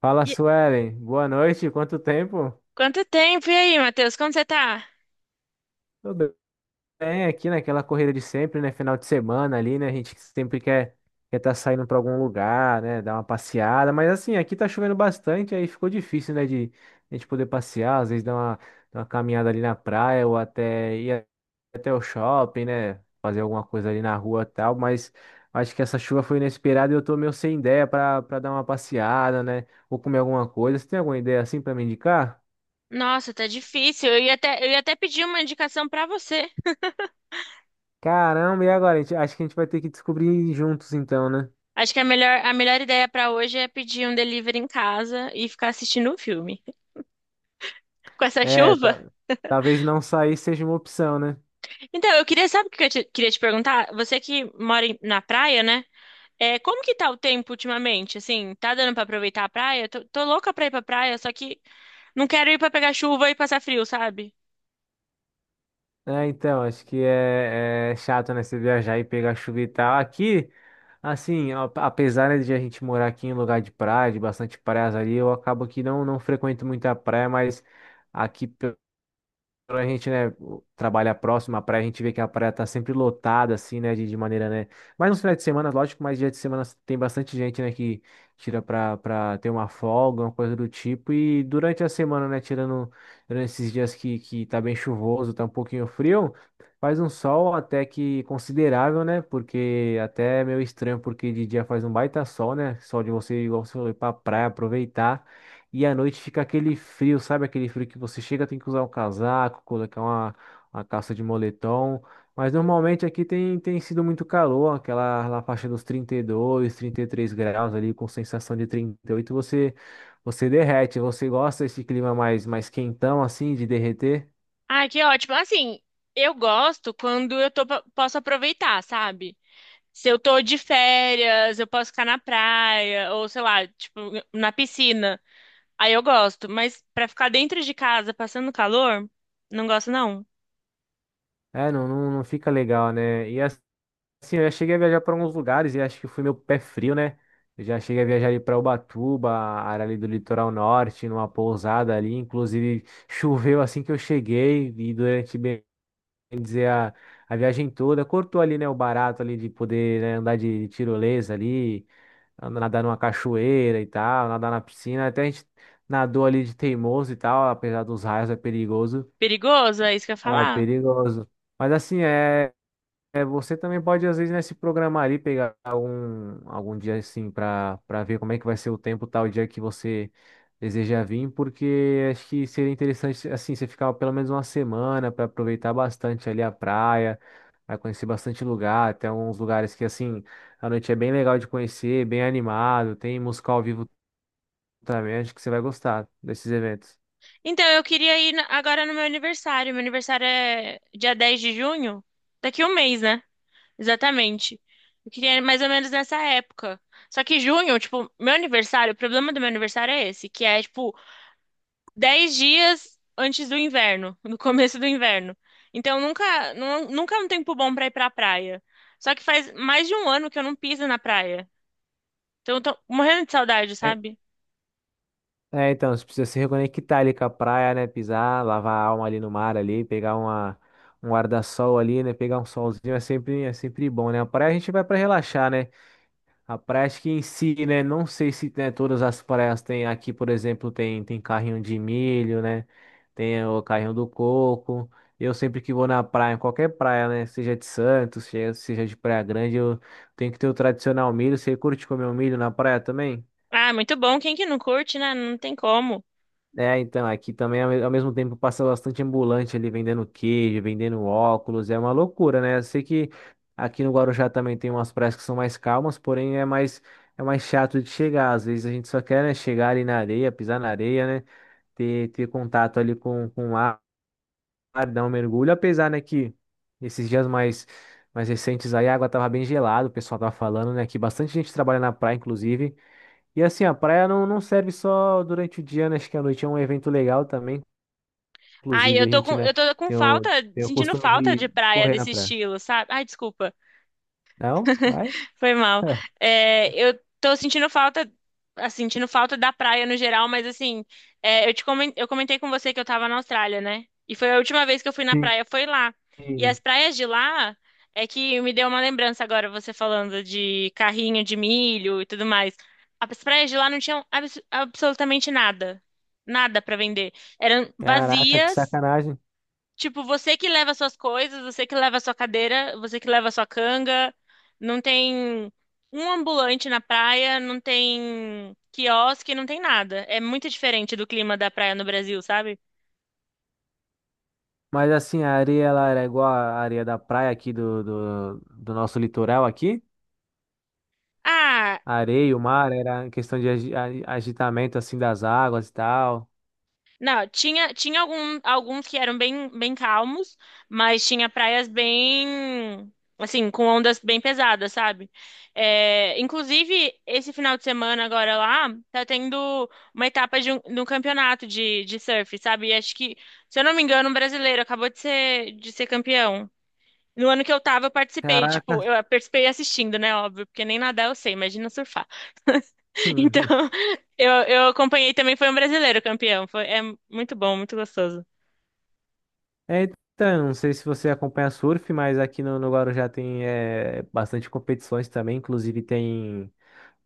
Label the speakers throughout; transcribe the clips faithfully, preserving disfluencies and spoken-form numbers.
Speaker 1: Fala,
Speaker 2: E-
Speaker 1: Suelen. Boa noite. Quanto tempo?
Speaker 2: Quanto tempo? E aí, Matheus? Como você tá?
Speaker 1: Tudo bem aqui naquela corrida de sempre, né? Final de semana ali, né? A gente sempre quer quer tá saindo para algum lugar, né? Dar uma passeada. Mas assim, aqui tá chovendo bastante, aí ficou difícil, né? De a gente poder passear, às vezes dar uma, dar uma caminhada ali na praia ou até ir até o shopping, né? Fazer alguma coisa ali na rua e tal. Mas acho que essa chuva foi inesperada e eu tô meio sem ideia para para dar uma passeada, né? Ou comer alguma coisa. Você tem alguma ideia assim para me indicar?
Speaker 2: Nossa, tá difícil. Eu ia até, eu ia até pedir uma indicação pra você.
Speaker 1: Caramba, e agora? A gente- Acho que a gente vai ter que descobrir juntos então, né?
Speaker 2: Acho que a melhor, a melhor ideia pra hoje é pedir um delivery em casa e ficar assistindo um filme. Com essa
Speaker 1: É,
Speaker 2: chuva?
Speaker 1: ta- Talvez não sair seja uma opção, né?
Speaker 2: Então, eu queria, sabe o que eu te- queria te perguntar? Você que mora em- na praia, né? É, como que tá o tempo ultimamente? Assim, tá dando pra aproveitar a praia? Tô, tô louca pra ir pra praia, só que não quero ir pra pegar chuva e passar frio, sabe?
Speaker 1: É, então, acho que é, é chato, né? Você viajar e pegar chuva e tal. Aqui, assim, a- apesar, né, de a gente morar aqui em lugar de praia, de bastante praias ali, eu acabo que não, não frequento muita praia, mas aqui. Quando a gente, né, trabalha próximo à praia, a gente vê que a praia tá sempre lotada, assim, né, de, de maneira, né, mas nos finais de semana, lógico, mas dia de semana tem bastante gente, né, que tira pra, pra ter uma folga, uma coisa do tipo, e durante a semana, né, tirando, durante esses dias que, que tá bem chuvoso, tá um pouquinho frio, faz um sol até que considerável, né, porque até é meio estranho, porque de dia faz um baita sol, né, sol de você, igual você falou, pra praia, aproveitar, e à noite fica aquele frio, sabe? Aquele frio que você chega, tem que usar um casaco, colocar uma, uma calça de moletom. Mas normalmente aqui tem, tem sido muito calor, aquela na faixa dos trinta e dois, trinta e três graus ali, com sensação de trinta e oito, você, você derrete. Você gosta desse clima mais, mais quentão, assim, de derreter?
Speaker 2: Ai, que ótimo. Assim, eu gosto quando eu tô, posso aproveitar, sabe? Se eu tô de férias, eu posso ficar na praia, ou sei lá, tipo, na piscina. Aí eu gosto, mas pra ficar dentro de casa passando calor, não gosto não.
Speaker 1: É, não, não, não fica legal, né? E assim, eu já cheguei a viajar para alguns lugares e acho que foi meu pé frio, né? Eu já cheguei a viajar ali para Ubatuba, a área ali do litoral norte, numa pousada ali. Inclusive, choveu assim que eu cheguei e durante, bem dizer, a, a viagem toda, cortou ali, né, o barato ali de poder, né, andar de tirolesa ali, andar- nadar numa cachoeira e tal, nadar na piscina. Até a gente nadou ali de teimoso e tal, apesar dos raios, é perigoso.
Speaker 2: Perigoso, é isso que eu ia
Speaker 1: É
Speaker 2: falar.
Speaker 1: perigoso. Mas assim, é. É, você também pode, às vezes, né, se programar ali, pegar algum, algum dia assim para para ver como é que vai ser o tempo tal dia que você deseja vir, porque acho que seria interessante assim, você ficar pelo menos uma semana para aproveitar bastante ali a praia, para conhecer bastante lugar, até uns lugares que assim, a noite é bem legal de conhecer, bem animado, tem música ao vivo também, acho que você vai gostar desses eventos.
Speaker 2: Então, eu queria ir na- agora no meu aniversário. Meu aniversário é dia dez de junho, daqui um mês, né? Exatamente. Eu queria ir mais ou menos nessa época. Só que junho, tipo, meu aniversário, o problema do meu aniversário é esse, que é, tipo, dez dias antes do inverno, no começo do inverno. Então nunca, nu- nunca é um tempo bom pra ir pra praia. Só que faz mais de um ano que eu não piso na praia. Então eu tô morrendo de saudade, sabe?
Speaker 1: É, então, você precisa se reconectar ali com a praia, né? Pisar, lavar a alma ali no mar ali, pegar uma, um guarda-sol ali, né? Pegar um solzinho é sempre, é sempre bom, né? A praia a gente vai para relaxar, né? A praia acho que em si, né? Não sei se né, todas as praias têm aqui, por exemplo, tem, tem carrinho de milho, né? Tem o carrinho do coco. Eu sempre que vou na praia, em qualquer praia, né? Seja de Santos, seja seja de Praia Grande, eu tenho que ter o tradicional milho. Você curte comer o milho na praia também?
Speaker 2: Ah, muito bom. Quem que não curte, né? Não tem como.
Speaker 1: É, então, aqui também, ao me- ao mesmo tempo, passa bastante ambulante ali vendendo queijo, vendendo óculos, é uma loucura, né? Eu sei que aqui no Guarujá também tem umas praias que são mais calmas, porém é mais, é mais chato de chegar. Às vezes a gente só quer, né, chegar ali na areia, pisar na areia, né? Ter, ter contato ali com, com o ar, dar um mergulho, apesar, né, que esses dias mais, mais recentes aí a água tava bem gelada, o pessoal tava falando, né, que bastante gente trabalha na praia, inclusive. E assim, a praia não, não serve só durante o dia, né? Acho que a noite é um evento legal também.
Speaker 2: Ai,
Speaker 1: Inclusive,
Speaker 2: eu
Speaker 1: a
Speaker 2: tô com,
Speaker 1: gente, né,
Speaker 2: eu tô com
Speaker 1: tem o,
Speaker 2: falta,
Speaker 1: tem o
Speaker 2: sentindo
Speaker 1: costume
Speaker 2: falta
Speaker 1: de
Speaker 2: de praia
Speaker 1: correr na
Speaker 2: desse
Speaker 1: praia.
Speaker 2: estilo, sabe? Ai, desculpa.
Speaker 1: Não? Vai?
Speaker 2: Foi mal. É, eu tô sentindo falta, assim, sentindo falta da praia no geral, mas assim, é, eu te comen- eu comentei com você que eu tava na Austrália, né? E foi a última vez que eu fui na
Speaker 1: Sim.
Speaker 2: praia, foi lá. E
Speaker 1: Sim.
Speaker 2: as praias de lá é que me deu uma lembrança agora, você falando de carrinho de milho e tudo mais. As praias de lá não tinham abs- absolutamente nada. Nada pra vender. Eram
Speaker 1: Caraca, que
Speaker 2: vazias.
Speaker 1: sacanagem.
Speaker 2: Tipo, você que leva suas coisas, você que leva sua cadeira, você que leva sua canga, não tem um ambulante na praia, não tem quiosque, não tem nada. É muito diferente do clima da praia no Brasil, sabe?
Speaker 1: Mas assim, a areia ela era igual a areia da praia aqui do, do, do nosso litoral aqui.
Speaker 2: Ah,
Speaker 1: A areia, o mar, era em questão de agi- a- agitamento assim das águas e tal.
Speaker 2: Não, tinha, tinha algum, alguns que eram bem, bem calmos, mas tinha praias bem, assim, com ondas bem pesadas, sabe? É, inclusive, esse final de semana agora lá, tá tendo uma etapa de um, de um campeonato de, de surf, sabe? E acho que, se eu não me engano, um brasileiro acabou de ser, de ser campeão. No ano que eu tava, eu participei, tipo,
Speaker 1: Caraca.
Speaker 2: eu participei assistindo, né, óbvio, porque nem nadar eu sei, imagina surfar. Então, eu, eu acompanhei também, foi um brasileiro campeão. Foi, é muito bom, muito gostoso.
Speaker 1: É, então, não sei se você acompanha surf, mas aqui no, no Guarujá tem é, bastante competições também. Inclusive tem.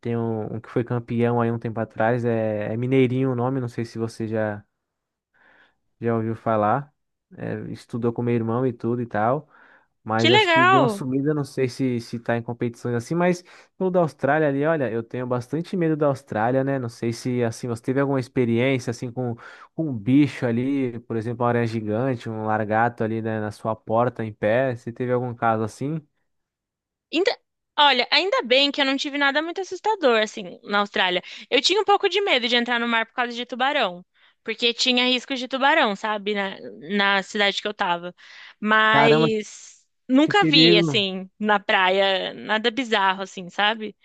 Speaker 1: Tem um, um que foi campeão aí um tempo atrás, é, é Mineirinho o nome, não sei se você já, já ouviu falar. É, estudou com meu irmão e tudo e tal.
Speaker 2: Que
Speaker 1: Mas acho que deu uma
Speaker 2: legal!
Speaker 1: subida, não sei se, se tá em competições assim, mas no da Austrália ali, olha, eu tenho bastante medo da Austrália, né? Não sei se assim, você teve alguma experiência assim com, com um bicho ali, por exemplo, uma aranha gigante, um largato ali, né, na sua porta em pé. Você teve algum caso assim?
Speaker 2: Ainda- olha, ainda bem que eu não tive nada muito assustador, assim, na Austrália. Eu tinha um pouco de medo de entrar no mar por causa de tubarão. Porque tinha risco de tubarão, sabe? Na, na cidade que eu tava.
Speaker 1: Caramba,
Speaker 2: Mas
Speaker 1: que
Speaker 2: nunca vi,
Speaker 1: perigo!
Speaker 2: assim, na praia, nada bizarro, assim, sabe?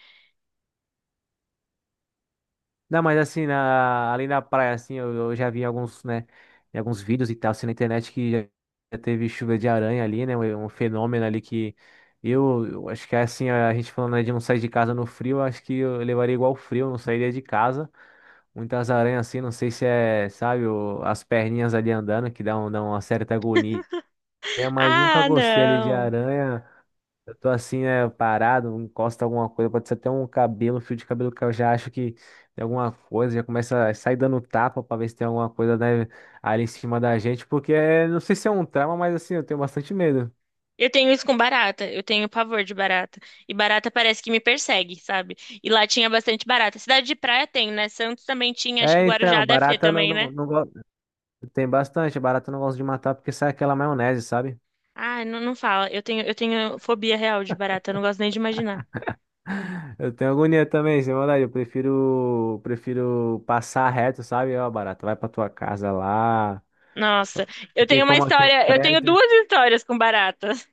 Speaker 1: Não, mas assim, na, ali na praia, assim, eu, eu já vi alguns, né, em alguns vídeos e tal, assim, na internet que já já teve chuva de aranha ali, né, um um fenômeno ali que eu, eu acho que é assim, a gente falando, né, de não sair de casa no frio, eu acho que eu levaria igual frio, não sairia de casa. Muitas aranhas assim, não sei se é, sabe, o- as perninhas ali andando, que dá, um- dá uma certa agonia, mas nunca
Speaker 2: Ah,
Speaker 1: gostei ali de
Speaker 2: não.
Speaker 1: aranha. Eu tô assim, né, parado, encosta alguma coisa, pode ser até um cabelo, um fio de cabelo que eu já acho que tem alguma coisa, já começa a sair dando tapa pra ver se tem alguma coisa, né, ali em cima da gente, porque é, não sei se é um trauma, mas assim, eu tenho bastante medo.
Speaker 2: Eu tenho isso com barata. Eu tenho pavor de barata. E barata parece que me persegue, sabe? E lá tinha bastante barata. Cidade de praia tem, né? Santos também tinha. Acho que
Speaker 1: É,
Speaker 2: Guarujá
Speaker 1: então,
Speaker 2: deve ter
Speaker 1: barata não,
Speaker 2: também, né?
Speaker 1: não, não gosto. Tem bastante, barata eu não gosto de matar porque sai aquela maionese, sabe?
Speaker 2: Ah, não, não fala. Eu tenho, eu tenho fobia real de barata. Eu não gosto nem de imaginar.
Speaker 1: Eu tenho agonia também, sem maldade. Eu prefiro, prefiro passar reto, sabe? Ó, barata, vai pra tua casa lá. Só-
Speaker 2: Nossa, eu
Speaker 1: Porque
Speaker 2: tenho uma
Speaker 1: como aqui é
Speaker 2: história. Eu tenho
Speaker 1: prédio.
Speaker 2: duas histórias com barata.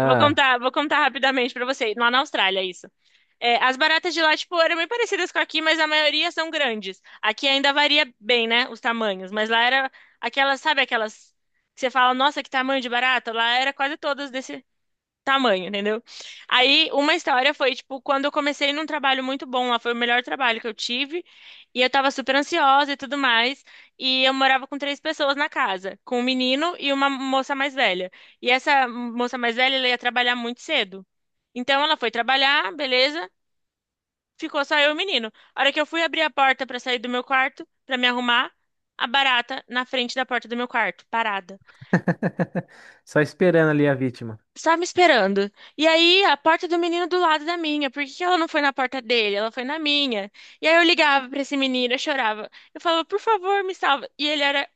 Speaker 2: Vou contar, vou contar rapidamente pra você. Lá na Austrália, isso. É, as baratas de lá, tipo, eram bem parecidas com aqui, mas a maioria são grandes. Aqui ainda varia bem, né, os tamanhos, mas lá era aquelas, sabe aquelas que você fala, nossa, que tamanho de barata? Lá era quase todas desse tamanho, entendeu? Aí, uma história foi, tipo, quando eu comecei num trabalho muito bom lá, foi o melhor trabalho que eu tive, e eu tava super ansiosa e tudo mais, e eu morava com três pessoas na casa, com um menino e uma moça mais velha. E essa moça mais velha, ela ia trabalhar muito cedo. Então ela foi trabalhar, beleza? Ficou só eu e o menino. A hora que eu fui abrir a porta pra sair do meu quarto, pra me arrumar, a barata na frente da porta do meu quarto, parada.
Speaker 1: Só esperando ali a vítima.
Speaker 2: Só me esperando. E aí, a porta do menino do lado da minha. Por que que ela não foi na porta dele? Ela foi na minha. E aí eu ligava pra esse menino, eu chorava. Eu falava, por favor, me salva. E ele era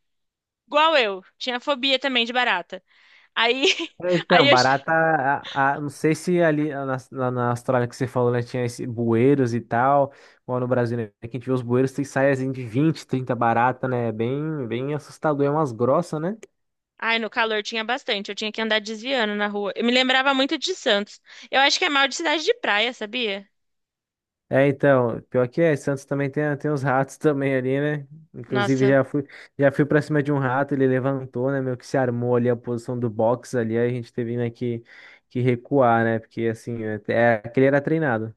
Speaker 2: igual eu. Tinha fobia também de barata. Aí,
Speaker 1: Então,
Speaker 2: aí eu. che-
Speaker 1: barata, a- a- não sei se ali na, na- na Austrália que você falou, né, tinha esse bueiros e tal, ou no Brasil, né, que a gente vê os bueiros, tem saias assim, de vinte, trinta barata, né, bem, bem assustador, é umas grossas, né?
Speaker 2: Ai, no calor tinha bastante. Eu tinha que andar desviando na rua. Eu me lembrava muito de Santos. Eu acho que é mal de cidade de praia, sabia?
Speaker 1: É, então, pior que é, Santos também tem, tem os ratos também ali, né? Inclusive
Speaker 2: Nossa.
Speaker 1: já fui, já fui pra cima de um rato, ele levantou, né, meio que se armou ali a posição do box ali, aí a gente teve, né, que, que recuar, né, porque assim, é, é, aquele era treinado.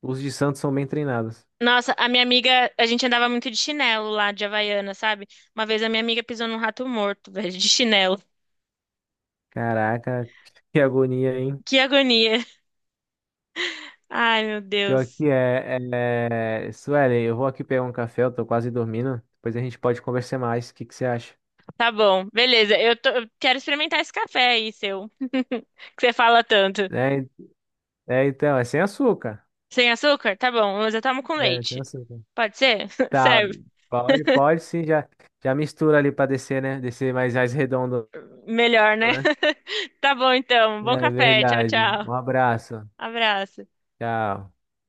Speaker 1: Os de Santos são bem treinados.
Speaker 2: Nossa, a minha amiga, a gente andava muito de chinelo lá, de Havaiana, sabe? Uma vez a minha amiga pisou num rato morto, velho, de chinelo.
Speaker 1: Caraca, que agonia, hein?
Speaker 2: Que agonia. Ai, meu
Speaker 1: Pior
Speaker 2: Deus.
Speaker 1: que é, é... é- Suelen, eu vou aqui pegar um café, eu tô quase dormindo. Depois a gente pode conversar mais. O que que você acha?
Speaker 2: Tá bom, beleza. Eu, tô- eu quero experimentar esse café aí, seu, que você fala tanto.
Speaker 1: É, é, então, é sem açúcar.
Speaker 2: Sem açúcar? Tá bom, mas eu tomo com
Speaker 1: É, sem
Speaker 2: leite.
Speaker 1: açúcar.
Speaker 2: Pode ser?
Speaker 1: Tá,
Speaker 2: Serve.
Speaker 1: pode, pode sim, já, já mistura ali pra descer, né? Descer mais, mais redondo,
Speaker 2: Melhor, né?
Speaker 1: né?
Speaker 2: Tá bom, então. Bom
Speaker 1: É
Speaker 2: café. Tchau,
Speaker 1: verdade.
Speaker 2: tchau.
Speaker 1: Um abraço.
Speaker 2: Abraço.
Speaker 1: Tchau.